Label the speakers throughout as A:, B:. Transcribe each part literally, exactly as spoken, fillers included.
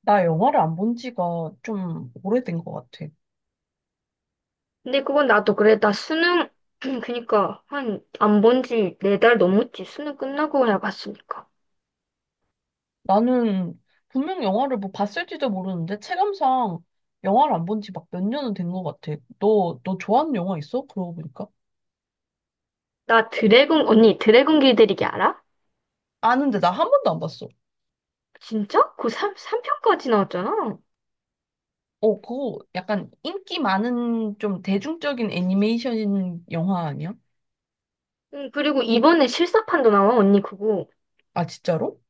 A: 나 영화를 안 본 지가 좀 오래된 것 같아.
B: 근데 그건 나도 그래. 나 수능, 그니까, 한, 안 본지 네 달 넘었지. 수능 끝나고 야 봤으니까.
A: 나는 분명 영화를 뭐 봤을지도 모르는데 체감상 영화를 안 본지 막 몇 년은 된 것 같아. 너, 너 좋아하는 영화 있어? 그러고 보니까.
B: 나 드래곤, 언니, 드래곤 길들이기 알아?
A: 아는데 나 한 번도 안 봤어.
B: 진짜? 그 삼, 삼편까지 나왔잖아.
A: 어, 그거 약간 인기 많은 좀 대중적인 애니메이션 영화 아니야?
B: 응, 그리고 이번에 실사판도 나와, 언니, 그거.
A: 아, 진짜로?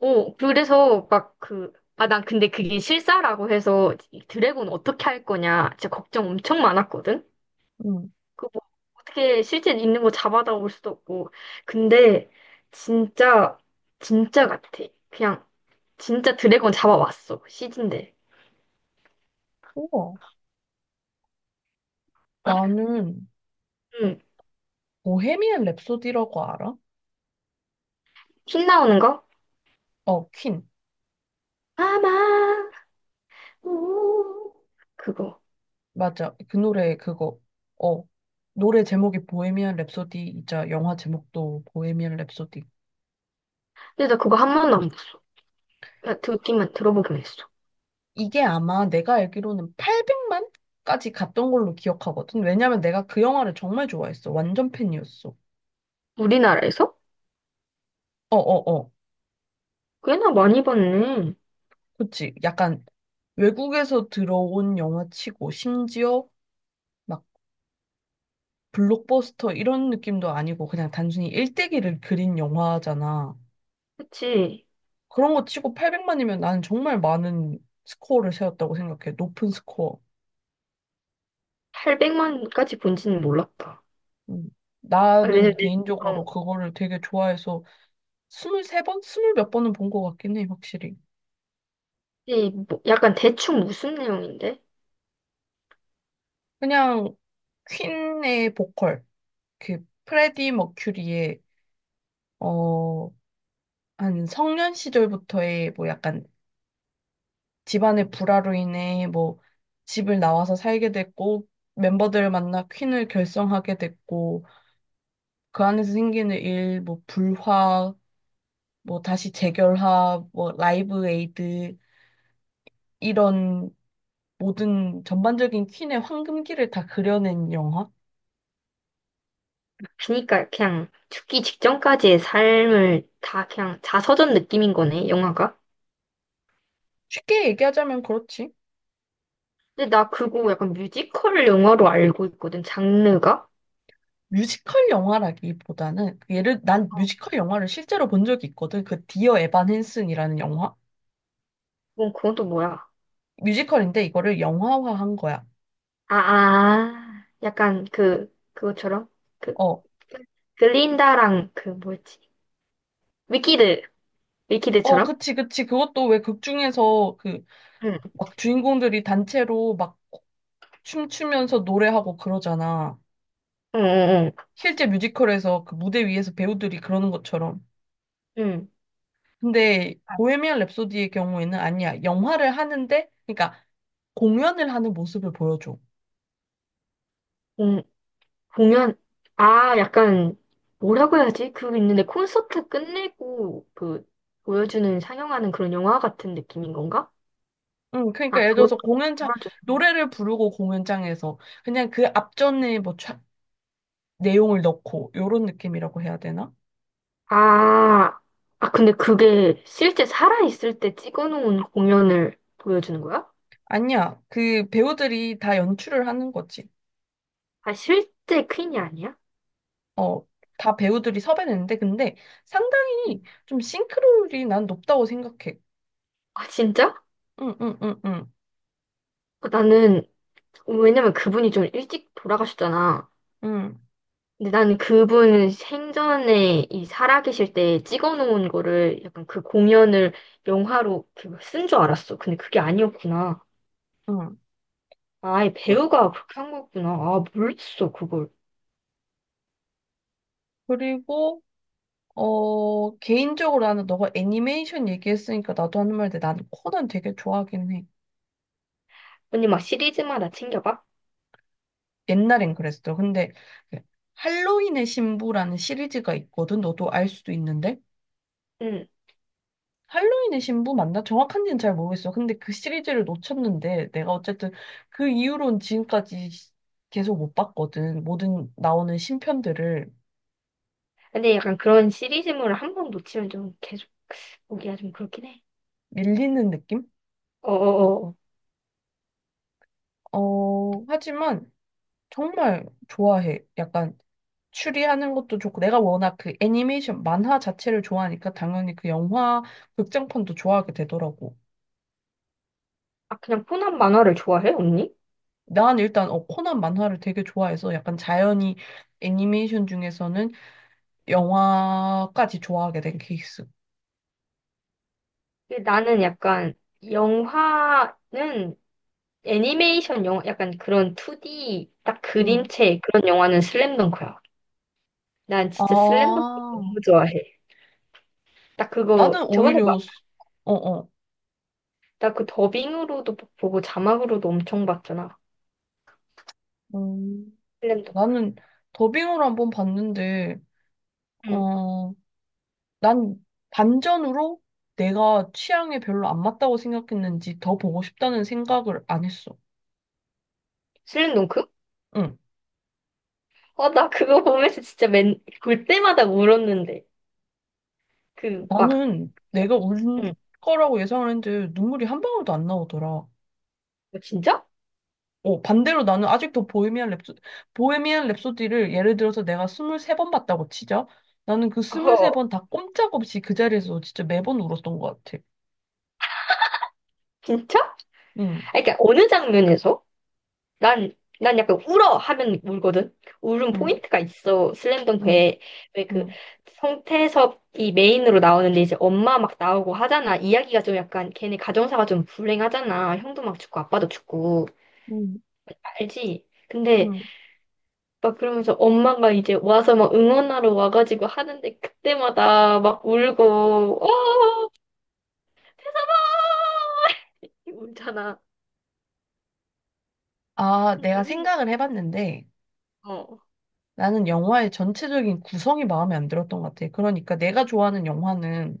B: 어, 그래서 막 그, 아, 난 근데 그게 실사라고 해서 이 드래곤 어떻게 할 거냐. 진짜 걱정 엄청 많았거든?
A: 응.
B: 그거 뭐 어떻게 실제 있는 거 잡아다 올 수도 없고. 근데, 진짜, 진짜 같아. 그냥 진짜 드래곤 잡아왔어. 시즌데.
A: 우와. 나는
B: 응.
A: 보헤미안 랩소디라고 알아?
B: 핀 나오는 거?
A: 어, 퀸.
B: 아마, 오. 그거.
A: 맞아. 그 노래 그거. 어. 노래 제목이 보헤미안 랩소디이자 영화 제목도 보헤미안 랩소디.
B: 근데 나 그거 한 번도 안 봤어. 나 듣기만, 들어보기만 했어.
A: 이게 아마 내가 알기로는 팔백만까지 갔던 걸로 기억하거든. 왜냐면 내가 그 영화를 정말 좋아했어. 완전 팬이었어.
B: 우리나라에서?
A: 어어어.
B: 꽤나 많이 봤네.
A: 그치. 약간 외국에서 들어온 영화치고 심지어 막 블록버스터 이런 느낌도 아니고 그냥 단순히 일대기를 그린 영화잖아.
B: 그치.
A: 그런 거 치고 팔백만이면 나는 정말 많은 스코어를 세웠다고 생각해. 높은 스코어.
B: 팔백만까지 본지는 몰랐다.
A: 음,
B: 아,
A: 나는
B: 왜냐면,
A: 개인적으로
B: 어,
A: 그거를 되게 좋아해서 스물 세 번 스물 몇 번은 본 것 같긴 해, 확실히.
B: 이 뭐, 약간 대충 무슨 내용인데?
A: 그냥 퀸의 보컬, 그 프레디 머큐리의 어, 한 성년 시절부터의 뭐 약간 집안의 불화로 인해 뭐 집을 나와서 살게 됐고 멤버들을 만나 퀸을 결성하게 됐고 그 안에서 생기는 일, 뭐 불화, 뭐 다시 재결합, 뭐 라이브 에이드 이런 모든 전반적인 퀸의 황금기를 다 그려낸 영화?
B: 그니까 그냥 죽기 직전까지의 삶을 다 그냥 자서전 느낌인 거네, 영화가.
A: 쉽게 얘기하자면 그렇지.
B: 근데 나 그거 약간 뮤지컬 영화로 알고 있거든, 장르가.
A: 뮤지컬 영화라기보다는 예를 난 뮤지컬 영화를 실제로 본 적이 있거든. 그 디어 에반 헨슨이라는 영화.
B: 어, 그건 또 뭐야?
A: 뮤지컬인데 이거를 영화화한 거야.
B: 아, 아, 약간 그, 그것처럼? 그,
A: 어.
B: 글린다랑 그 뭐였지? 위키드,
A: 어,
B: 위키드처럼?
A: 그치, 그치. 그것도 왜 극 중에서 그
B: 응,
A: 막 주인공들이 단체로 막 춤추면서 노래하고 그러잖아.
B: 응, 응,
A: 실제 뮤지컬에서 그 무대 위에서 배우들이 그러는 것처럼.
B: 응. 응.
A: 근데
B: 아,
A: 보헤미안 랩소디의 경우에는 아니야. 영화를 하는데, 그러니까 공연을 하는 모습을 보여줘.
B: 공, 공연, 아, 약간, 뭐라고 해야지? 그거 있는데 콘서트 끝내고 그, 보여주는, 상영하는 그런 영화 같은 느낌인 건가?
A: 응, 그러니까
B: 아,
A: 예를
B: 그런
A: 들어서 공연장,
B: 그걸 좀,
A: 노래를 부르고 공연장에서 그냥 그 앞전에 뭐 차- 내용을 넣고, 요런 느낌이라고 해야 되나?
B: 아, 아, 근데 그게 실제 살아있을 때 찍어놓은 공연을 보여주는 거야?
A: 아니야. 그 배우들이 다 연출을 하는 거지.
B: 아, 실제 퀸이 아니야?
A: 어, 다 배우들이 섭외냈는데, 근데 상당히 좀 싱크로율이 난 높다고 생각해.
B: 아, 진짜?
A: 응, 응, 응, 응,
B: 어, 나는, 왜냐면 그분이 좀 일찍 돌아가셨잖아.
A: 응,
B: 근데 나는 그분 생전에 이 살아계실 때 찍어놓은 거를 약간 그 공연을 영화로 쓴 줄 알았어. 근데 그게 아니었구나.
A: 응.
B: 아예
A: 그-
B: 배우가 그렇게 한 거구나. 아, 몰랐어, 그걸.
A: 그리고 어, 개인적으로 나는 너가 애니메이션 얘기했으니까 나도 하는 말인데 나는 코난 되게 좋아하긴 해.
B: 언니 막 시리즈마다 챙겨봐?
A: 옛날엔 그랬어. 근데 그 할로윈의 신부라는 시리즈가 있거든. 너도 알 수도 있는데.
B: 응.
A: 할로윈의 신부 맞나? 정확한지는 잘 모르겠어. 근데 그 시리즈를 놓쳤는데 내가 어쨌든 그 이후로는 지금까지 계속 못 봤거든. 모든 나오는 신편들을
B: 근데 약간 그런 시리즈물을 한 번 놓치면 좀 계속 보기가 좀 그렇긴 해.
A: 밀리는 느낌?
B: 어어어.
A: 어, 하지만 정말 좋아해. 약간 추리하는 것도 좋고 내가 워낙 그 애니메이션 만화 자체를 좋아하니까 당연히 그 영화 극장판도 좋아하게 되더라고.
B: 아, 그냥 코난 만화를 좋아해, 언니?
A: 난 일단 어, 코난 만화를 되게 좋아해서 약간 자연히 애니메이션 중에서는 영화까지 좋아하게 된 케이스.
B: 근데 나는 약간 영화는 애니메이션 영화, 약간 그런 투디 딱
A: 응.
B: 그림체 그런 영화는 슬램덩크야. 난 진짜 슬램덩크
A: 아,
B: 너무 좋아해. 나 그거
A: 나는
B: 저번에 막,
A: 오히려 수- 어, 어.
B: 나 그 더빙으로도 보고 자막으로도 엄청 봤잖아.
A: 음,
B: 슬램덩크.
A: 나는 더빙으로 한번 봤는데
B: 응.
A: 어 난 반전으로 내가 취향에 별로 안 맞다고 생각했는지 더 보고 싶다는 생각을 안 했어.
B: 슬램덩크?
A: 응.
B: 어, 나 그거 보면서 진짜 맨, 볼 때마다 울었는데. 그 막,
A: 나는 내가 울
B: 응.
A: 거라고 예상을 했는데 눈물이 한 방울도 안 나오더라.
B: 어, 진짜?
A: 어, 반대로 나는 아직도 보헤미안 랩소, 보헤미안 랩소디를 예를 들어서 내가 이십삼 번 봤다고 치자. 나는 그
B: 어,
A: 이십삼 번 다 꼼짝없이 그 자리에서 진짜 매번 울었던 것 같아.
B: 진짜?
A: 응,
B: 아니, 그러니까 어느 장면에서? 난, 난 약간 울어 하면 울거든. 울음
A: 응,
B: 포인트가 있어.
A: 응,
B: 슬램덩크에 왜 그
A: 응,
B: 성태섭이 메인으로 나오는데 이제 엄마 막 나오고 하잖아. 이야기가 좀 약간 걔네 가정사가 좀 불행하잖아. 형도 막 죽고 아빠도 죽고
A: 응,
B: 알지? 근데
A: 응.
B: 막 그러면서 엄마가 이제 와서 막 응원하러 와가지고 하는데 그때마다 막 울고 어 태섭아 울잖아.
A: 아,
B: 근데
A: 내가
B: 언니는
A: 생각을 해봤는데,
B: 어
A: 나는 영화의 전체적인 구성이 마음에 안 들었던 것 같아. 그러니까 내가 좋아하는 영화는,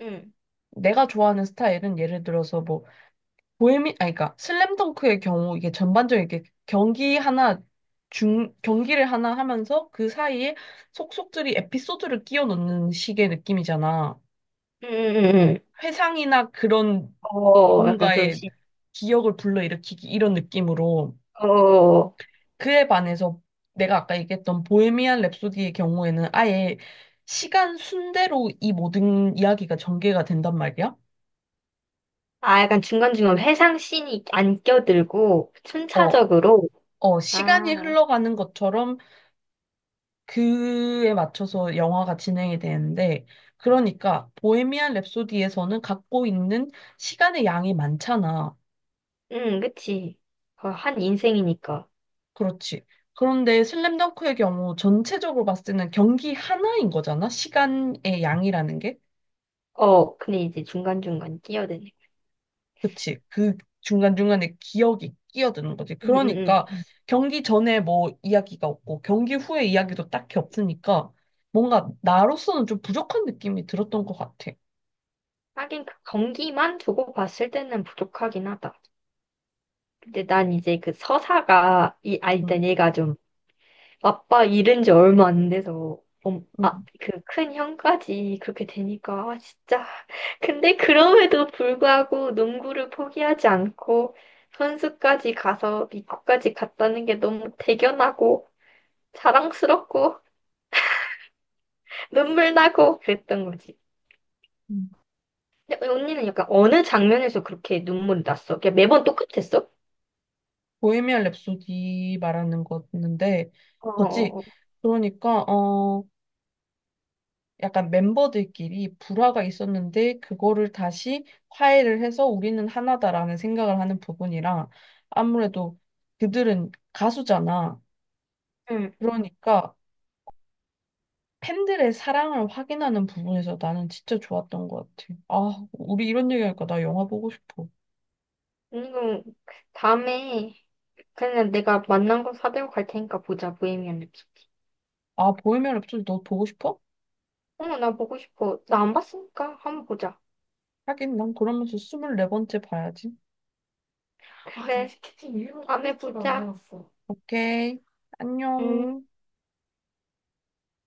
B: 응.
A: 내가 좋아하는 스타일은 예를 들어서 뭐, 보헤미, 아니, 그러니까 슬램덩크의 경우 이게 전반적인 이게 경기 하나, 중, 경기를 하나 하면서 그 사이에 속속들이 에피소드를 끼워 넣는 식의 느낌이잖아.
B: 응, 응, 응, 응.
A: 회상이나 그런
B: 어, 약간 그런
A: 누군가의
B: 시.
A: 기억을 불러일으키기 이런 느낌으로.
B: 어,
A: 그에 반해서 내가 아까 얘기했던 보헤미안 랩소디의 경우에는 아예 시간 순대로 이 모든 이야기가 전개가 된단 말이야.
B: 아, 약간 중간중간 회상씬이 안 껴들고,
A: 어,
B: 순차적으로,
A: 어, 시간이
B: 아,
A: 흘러가는 것처럼 그에 맞춰서 영화가 진행이 되는데, 그러니까 보헤미안 랩소디에서는 갖고 있는 시간의 양이 많잖아.
B: 응, 그치. 어, 한 인생이니까.
A: 그렇지. 그런데 슬램덩크의 경우 전체적으로 봤을 때는 경기 하나인 거잖아. 시간의 양이라는 게.
B: 어, 근데 이제 중간중간 끼어드네.
A: 그치. 그 중간중간에 기억이 끼어드는 거지.
B: 응, 응,
A: 그러니까
B: 응.
A: 경기 전에 뭐 이야기가 없고 경기 후에 이야기도 딱히 없으니까 뭔가 나로서는 좀 부족한 느낌이 들었던 것 같아.
B: 하긴 그 경기만 두고 봤을 때는 부족하긴 하다. 근데 난 이제 그 서사가, 이, 아,
A: 음,
B: 일단 얘가 좀 아빠 잃은 지 얼마 안 돼서 엄, 아,
A: 음,
B: 그 큰 형까지 그렇게 되니까 아, 진짜. 근데 그럼에도 불구하고 농구를 포기하지 않고 선수까지 가서 미국까지 갔다는 게 너무 대견하고 자랑스럽고 눈물 나고 그랬던 거지.
A: 음.
B: 근데 언니는 약간 어느 장면에서 그렇게 눈물이 났어? 그냥 매번 똑같았어?
A: 보헤미안 랩소디 말하는 거였는데,
B: 어,
A: 거지.
B: 어, 어.
A: 그러니까, 어, 약간 멤버들끼리 불화가 있었는데, 그거를 다시 화해를 해서 우리는 하나다라는 생각을 하는 부분이랑, 아무래도 그들은 가수잖아.
B: 응.
A: 그러니까 팬들의 사랑을 확인하는 부분에서 나는 진짜 좋았던 것 같아. 아, 우리 이런 얘기하니까 나 영화 보고 싶어.
B: 언니가 다음에 그냥 내가 만난 거 사들고 갈 테니까 보자, 보헤미안 랩소디.
A: 아, 보헤미안 랩소디 너 보고 싶어?
B: 어, 나 보고 싶어. 나 안 봤으니까 한번 보자.
A: 하긴 난 그러면서 이십사 번째 봐야지.
B: 아, 그래, 티켓이음에 보자. 았어
A: 오케이.
B: 음.
A: 안녕.